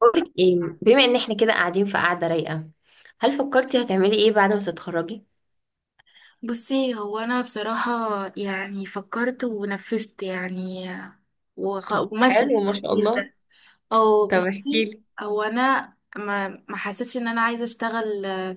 بقولك ايه؟ بما ان احنا كده قاعدين في قعده رايقه، هل فكرتي هتعملي ايه بعد ما تتخرجي؟ بصي، هو انا بصراحة يعني فكرت ونفذت يعني. طب وماشية في حلو ما شاء التحفيز الله. ده. او طب احكي بصي، لي. هو انا ما حسيتش ان انا عايزة اشتغل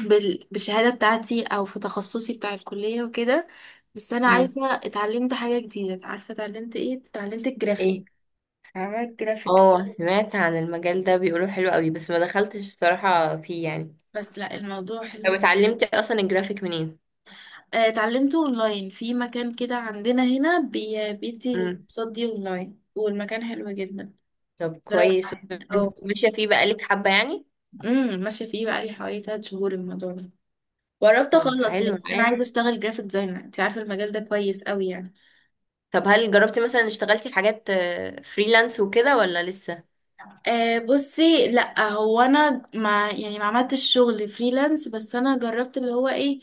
بالشهادة بتاعتي او في تخصصي بتاع الكلية وكده. بس انا امم. عايزة اتعلمت حاجة جديدة، عارفة اتعلمت ايه؟ اتعلمت ايه. الجرافيك. فاهمة الجرافيك؟ اه، سمعت عن المجال ده، بيقولوا حلو قوي بس ما دخلتش الصراحه فيه يعني. بس لا، الموضوع طب حلو. اتعلمتي اصلا الجرافيك منين؟ اتعلمته اونلاين في مكان كده عندنا هنا بيدي امم. الكورسات دي اونلاين، والمكان حلو جدا. طب صراحة كويس. يعني، اه. وانت ماشيه فيه بقالك حبه يعني. ماشية فيه بقالي حوالي تلات شهور الموضوع ده. وقربت طب اخلص، حلو لكن انا معايا. عايزة اشتغل جرافيك ديزاينر. انت عارفة المجال ده كويس قوي يعني. طب هل جربتي مثلا اشتغلتي في حاجات فريلانس وكده ولا لسه؟ أه بصي، لا هو انا ما يعني ما عملتش شغل فريلانس، بس انا جربت اللي هو ايه،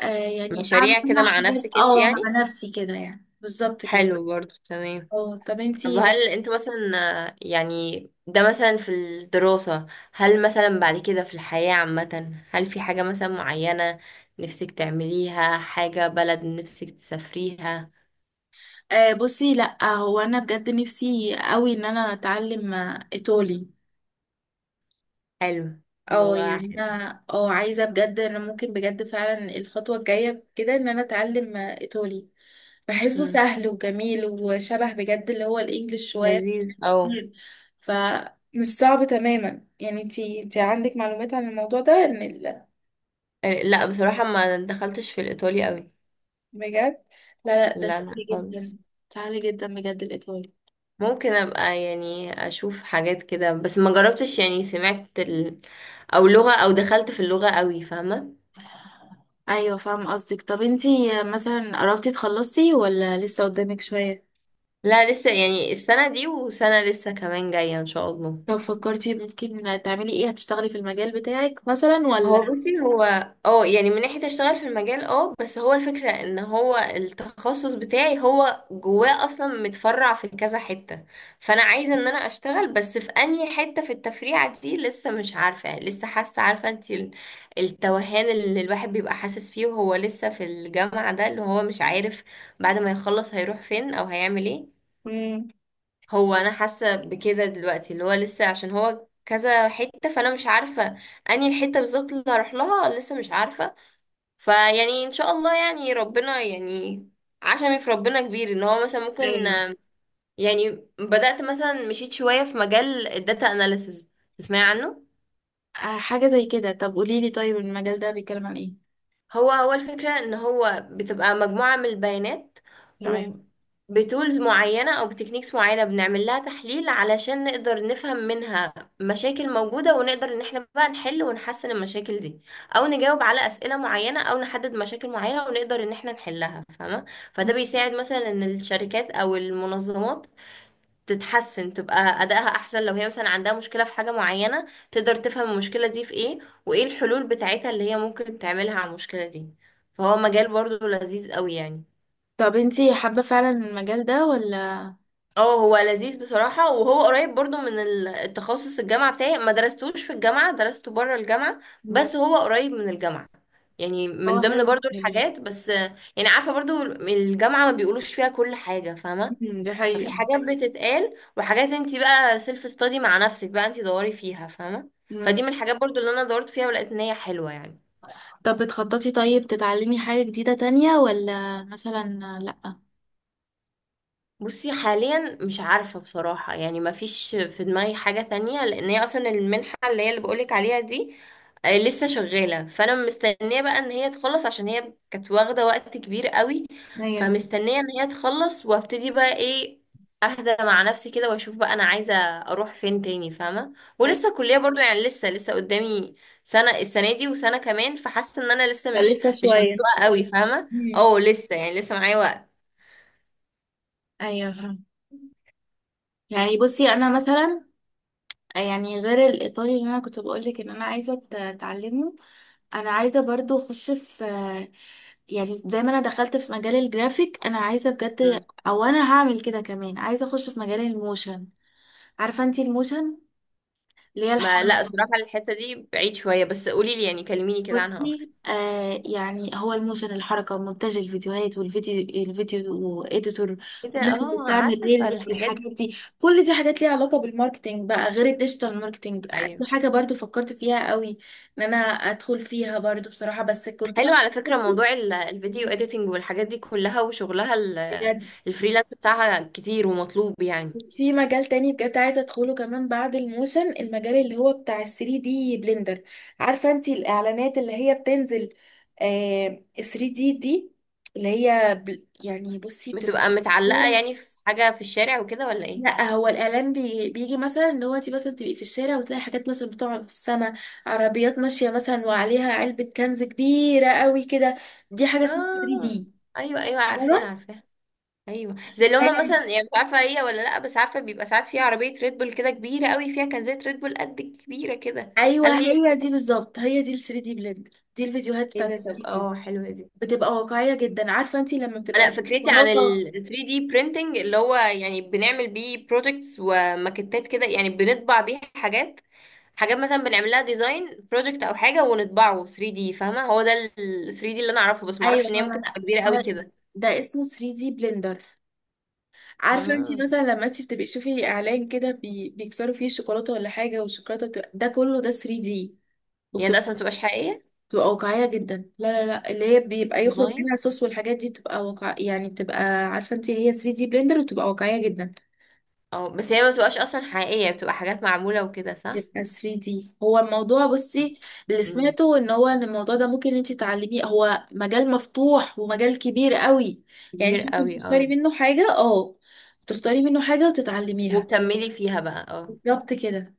أه يعني مشاريع كده اعمل مع حاجات، نفسك انت اه مع يعني. نفسي كده، يعني بالظبط كده. حلو برضو تمام. اه طب طب انتي؟ هل انتوا مثلا، يعني ده مثلا في الدراسة، هل مثلا بعد كده في الحياة عامة هل في حاجة مثلا معينة نفسك تعمليها، حاجة بلد نفسك تسافريها؟ آه بصي، لا هو انا بجد نفسي قوي ان انا اتعلم ايطالي. حلو. اه لغة يعني حلو. انا اه عايزه بجد، انا ممكن بجد فعلا الخطوه الجايه كده ان انا اتعلم ايطالي. بحسه مم. سهل وجميل وشبه بجد اللي هو الانجليش شويه لذيذ او. كتير. فمش صعب تماما يعني. انتي عندك معلومات عن الموضوع ده ان لا بصراحة ما دخلتش في الإيطالي قوي. بجد؟ لا لا ده لا لا سهل جدا، خالص. سهل جدا بجد الايطالي. ممكن ابقى يعني اشوف حاجات كده بس ما جربتش، يعني سمعت ال... او لغة او دخلت في اللغة قوي، فاهمة؟ ايوه فاهم قصدك. طب انتي مثلا قربتي تخلصي ولا لسه قدامك شوية؟ لا لسه، يعني السنة دي وسنة لسه كمان جاية ان شاء الله. طب فكرتي ممكن تعملي ايه؟ هتشتغلي في المجال بتاعك مثلا هو ولا؟ بصي هو، اه يعني من ناحية اشتغل في المجال اه، بس هو الفكرة ان هو التخصص بتاعي هو جواه اصلا متفرع في كذا حتة، فانا عايزة ان انا اشتغل بس في انهي حتة في التفريعة دي لسه مش عارفة، يعني لسه حاسة، عارفة انت ال- التوهان اللي الواحد بيبقى حاسس فيه وهو لسه في الجامعة، ده اللي هو مش عارف بعد ما يخلص هيروح فين او هيعمل ايه. مم. هو انا حاسه بكده دلوقتي، اللي هو لسه عشان هو كذا حته، فانا مش عارفه انهي الحته بالظبط اللي هروح لها، لسه مش عارفه. فيعني ان شاء الله، يعني ربنا، يعني عشمي في ربنا كبير ان هو مثلا ممكن ايوه. يعني، بدأت مثلا مشيت شويه في مجال الداتا اناليسز، تسمعي عنه؟ حاجة زي كده. طب قوليلي، طيب المجال ده بيتكلم عن ايه؟ هو هو الفكرة ان هو بتبقى مجموعة من البيانات، تمام. وبتولز معينة او بتكنيكس معينة بنعمل لها تحليل علشان نقدر نفهم منها مشاكل موجودة، ونقدر ان احنا بقى نحل ونحسن المشاكل دي، او نجاوب على اسئلة معينة، او نحدد مشاكل معينة ونقدر ان احنا نحلها، فاهمة؟ فده بيساعد مثلا ان الشركات او المنظمات تتحسن، تبقى أدائها أحسن. لو هي مثلا عندها مشكلة في حاجة معينة، تقدر تفهم المشكلة دي في إيه وإيه الحلول بتاعتها اللي هي ممكن تعملها على المشكلة دي. فهو مجال برضو لذيذ قوي يعني. طب انتي حابة فعلا المجال ده ولا؟ اه، هو لذيذ بصراحة، وهو قريب برضو من ال- التخصص الجامعة بتاعي، ما درستوش في الجامعة، درسته بره الجامعة، مم. بس هو قريب من الجامعة، يعني هو من ضمن حلو جدا برضو يعني. الحاجات، بس يعني عارفة برضو الجامعة ما بيقولوش فيها كل حاجة، فاهمة؟ مم، دي ففي حقيقة. حاجات بتتقال، وحاجات انت بقى سيلف ستادي مع نفسك، بقى انت دوري فيها، فاهمه؟ فدي مم. من الحاجات برضو اللي انا دورت فيها ولقيت ان هي حلوه يعني. طب بتخططي طيب تتعلمي حاجة جديدة تانية ولا مثلا؟ لأ. بصي حاليا مش عارفة بصراحة، يعني ما فيش في دماغي حاجة تانية، لان هي اصلا المنحة اللي هي اللي بقولك عليها دي لسه شغالة، فانا مستنية بقى ان هي تخلص عشان هي كانت واخدة وقت كبير قوي. ايوه. فمستنية ان هي تخلص وابتدي بقى ايه، اهدى مع نفسي كده واشوف بقى انا عايزة اروح فين تاني، فاهمة؟ أيوة. ولسه الكلية برضو يعني لسه، لسه قدامي سنة، السنة دي وسنة كمان، فحاسة ان انا لسه مش لسه مش شوية. مسلوقة قوي، فاهمة؟ مم. اه لسه، يعني لسه معايا وقت. ايوه فاهمة. يعني بصي انا مثلا، يعني غير الايطالي اللي انا كنت بقولك ان انا عايزه اتعلمه. انا عايزه برضو اخش في، يعني زي ما انا دخلت في مجال الجرافيك، انا عايزه بجد، بس، او انا هعمل كده كمان، عايزه اخش في مجال الموشن. عارفه انتي الموشن اللي هي ما لا الحركه؟ صراحة الحتة دي بعيد شوية، بس قولي لي يعني، كلميني كده عنها اكتر. بصي آه يعني، هو الموشن الحركة مونتاج الفيديوهات والفيديو اديتور. ايه ده؟ والناس اللي اه، بتعمل عارفة ريلز الحاجات والحاجات دي. دي، كل دي حاجات ليها علاقة بالماركتينج بقى، غير الديجيتال ماركتينج دي ايوه. حاجة برضو فكرت فيها قوي ان انا ادخل فيها برضو بصراحة، بس كنت حلو رحت على فكرة، موضوع ال- الفيديو اديتنج والحاجات دي كلها وشغلها ال- بجد الفريلانس بتاعها كتير ومطلوب يعني. في مجال تاني بجد عايزة ادخله كمان بعد الموشن، المجال اللي هو بتاع ال 3 دي بلندر. عارفة انتي الاعلانات اللي هي بتنزل؟ آه 3 دي دي اللي هي بل يعني بصي بتبقى بتبقى في متعلقة الشارع. يعني في حاجة في الشارع وكده ولا ايه؟ لا هو الاعلان بيجي مثلا ان هو انتي مثلا تبقي في الشارع وتلاقي حاجات مثلا بتقع في السماء، عربيات ماشية مثلا وعليها علبة كنز كبيرة قوي كده. دي حاجة اسمها 3 اه. دي. ايوه ايوه، عارفاها عارفاها. ايوه زي اللي هما مثلا، يعني مش عارفة هي ولا لا، بس عارفة بيبقى ساعات فيها عربية ريد بول كده كبيرة قوي، فيها كنزات ريد بول قد كبيرة كده. ايوه هل هي، هي دي بالظبط، هي دي ال 3 دي بلندر، دي الفيديوهات ايه بتاعت ال ده؟ طب 3 دي. اه، حلوة دي. بتبقى واقعية جدا. عارفة انتي لما بتبقى انا فكرتي عن الشوكولاتة؟ ال 3D printing، اللي هو يعني بنعمل بيه projects وماكتات كده، يعني بنطبع بيه حاجات، حاجات مثلا بنعمل لها ديزاين بروجكت او حاجه ونطبعه 3D، فاهمه؟ هو ده ال 3D اللي انا اعرفه، بس ما اعرفش ايوه ان هي ممكن فاهمة. لا تبقى كبيره قوي ده كده. ده اسمه 3D بلندر. عارفة انتي اه. مثلا لما انتي بتبقي تشوفي اعلان كده بيكسروا فيه الشوكولاتة ولا حاجة، والشوكولاتة بتبقى، ده كله ده 3D. يعني ده اصلا وبتبقى ما بتبقاش حقيقيه. بتبقى واقعية جدا. لا لا لا، اللي هي بيبقى يخرج والله. منها صوص والحاجات دي بتبقى واقع يعني، بتبقى عارفة انتي هي 3D بلندر وبتبقى واقعية جدا. اه بس هي ما بتبقاش اصلا حقيقيه، بتبقى حاجات معموله وكده، صح؟ يبقى 3D. هو الموضوع بصي، اللي امم. سمعته ان هو ان الموضوع ده ممكن انت تعلميه، هو مجال مفتوح ومجال كبير قوي يعني. كبير انت مثلا قوي بتختاري اه. منه حاجة، اه بتختاري منه حاجة وتتعلميها. وكملي فيها بقى اه. بالظبط كده.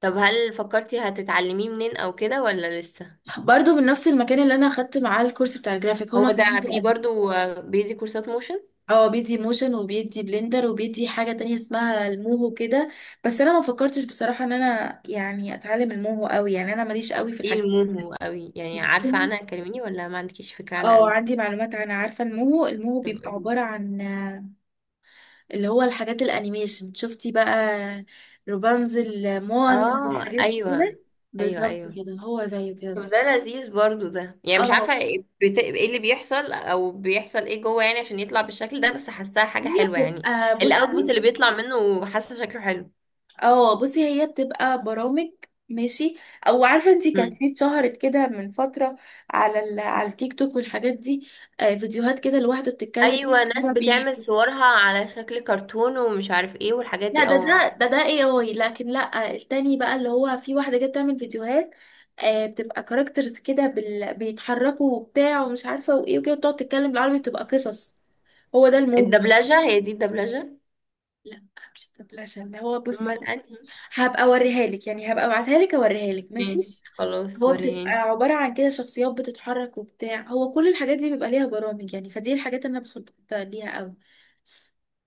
طب هل فكرتي هتتعلميه منين او كده ولا لسه؟ برضو من نفس المكان اللي انا اخدت معاه الكورس بتاع الجرافيك، هما هو كانوا ده في برضو بيدي كورسات موشن. اه بيدي موشن وبيدي بلندر وبيدي حاجة تانية اسمها الموهو كده. بس انا ما فكرتش بصراحة ان انا يعني اتعلم الموهو قوي يعني، انا ماليش قوي في ايه الحاجات. الموهو قوي يعني، عارفة عنها كلميني، ولا ما عندكيش فكرة عنها اه قوي؟ عندي معلومات عن، عارفة الموهو؟ الموهو طب بيبقى قولي. عبارة عن اللي هو الحاجات الانيميشن. شفتي بقى روبانزل، موان اه والحاجات دي ايوه. كده؟ ايوه بالظبط ايوه. كده، هو زيه كده طب ده بالظبط. لذيذ برضو ده، يعني مش اه عارفة ايه إيه اللي بيحصل، او بيحصل ايه جوه يعني عشان يطلع بالشكل ده، بس حاساها حاجة هي حلوة يعني. بتبقى الاوتبوت بصي، اللي بيطلع منه حاسة شكله حلو. اه بصي هي بتبقى برامج. ماشي. او عارفه انتي كانت مم. في اتشهرت كده من فتره على على التيك توك والحاجات دي. آه فيديوهات كده لواحده بتتكلم ايوه، ناس عربي. بتعمل صورها على شكل كرتون ومش عارف ايه والحاجات لا دي، ده اه ده عارفة. ده ده اي اي لكن لا التاني بقى، اللي هو في واحدة جت تعمل فيديوهات آه بتبقى كاركترز كده بيتحركوا وبتاع ومش عارفة وايه وكده، بتقعد تتكلم بالعربي، بتبقى قصص. هو ده الموضوع. الدبلجة، هي دي الدبلجة؟ لا مش الدبلجة، اللي هو بص، امال انهي؟ هبقى اوريها لك يعني، هبقى ابعتها لك، اوريها لك ماشي. ماشي خلاص، هو بتبقى وريهاني. عبارة عن كده شخصيات بتتحرك وبتاع، هو كل الحاجات دي بيبقى ليها برامج يعني، فدي الحاجات اللي انا بخطط ليها قوي.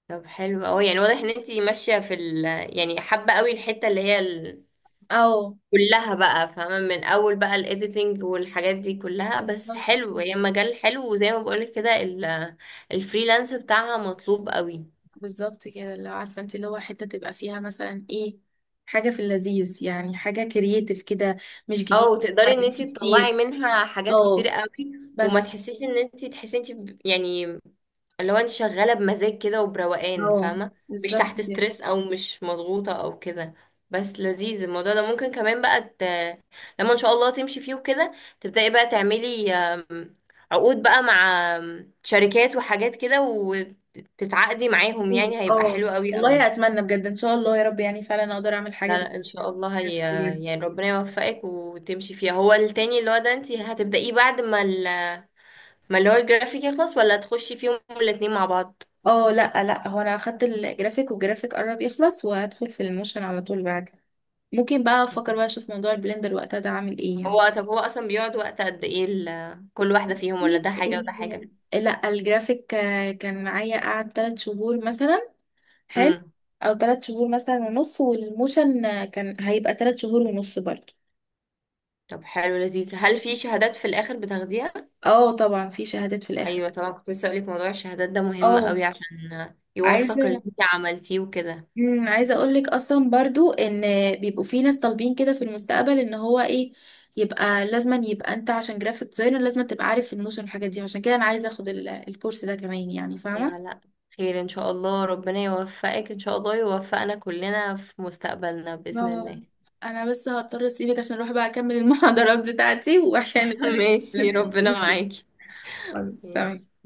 طب حلو أوي، يعني واضح ان انتي ماشية في ال، يعني حابة أوي الحتة اللي هي ال... اه كلها بقى، فاهمة؟ من أول بقى الإيديتنج والحاجات دي كلها، بس حلو هي مجال حلو، وزي ما بقولك كده ال... الفريلانس بتاعها مطلوب أوي، بالظبط كده اللي هو عارفه انت، اللي هو حته تبقى فيها مثلا ايه، حاجه في اللذيذ يعني، حاجه كرييتيف كده، مش او جديد تقدري ان حركتش انت تطلعي كتير. منها حاجات كتير اه. قوي، وما بس. تحسيش ان انت تحسي انت يعني، اللي هو انت شغاله بمزاج كده وبروقان، اه فاهمه؟ مش بالظبط تحت كده. ستريس او مش مضغوطه او كده. بس لذيذ الموضوع ده، ممكن كمان بقى ت... لما ان شاء الله تمشي فيه وكده، تبداي بقى تعملي عقود بقى مع شركات وحاجات كده وتتعاقدي معاهم، يعني هيبقى اه حلو قوي والله قوي. اتمنى بجد ان شاء الله يا رب، يعني فعلا اقدر اعمل حاجه لا زي لا ان شاء كده. الله هي، بجد. يعني ربنا يوفقك وتمشي فيها. هو التاني اللي هو ده انت هتبدأيه بعد ما ال... ما اللي هو الجرافيك يخلص، ولا تخشي فيهم الاتنين مع بعض؟ اه لا لا هو انا اخدت الجرافيك والجرافيك قرب يخلص، وهدخل في الموشن على طول بعد. ممكن بقى افكر مم. بقى اشوف موضوع البلندر وقتها ده عامل ايه يعني. هو طب هو اصلا بيقعد وقت قد ايه ال... كل واحدة فيهم، ولا ده حاجة وده حاجة؟ لا الجرافيك كان معايا قعد تلات شهور مثلا. حلو. امم. او تلات شهور مثلا ونص، والموشن كان هيبقى تلات شهور ونص برضه. طب حلو لذيذ، هل في شهادات في الاخر بتاخديها؟ اه طبعا في شهادات في الاخر. ايوه طبعا، كنت لسه اقولك موضوع الشهادات ده مهم اه قوي عشان يوثق اللي عايزه، انت عملتيه وكده. عايزه اقول لك اصلا برضو ان بيبقوا في ناس طالبين كده في المستقبل ان هو ايه، يبقى لازما يبقى انت عشان جرافيك ديزاينر لازم تبقى عارف الموشن والحاجات دي، عشان كده انا عايزه اخد الكورس ده كمان يعني ايوه فاهمه. لا، خير ان شاء الله، ربنا يوفقك، ان شاء الله يوفقنا كلنا في مستقبلنا بإذن اه الله. انا بس هضطر اسيبك عشان اروح بقى اكمل المحاضرات بتاعتي وعشان انا ماشي كده ربنا ماشي. معاكي. خلاص، ماشي. تمام.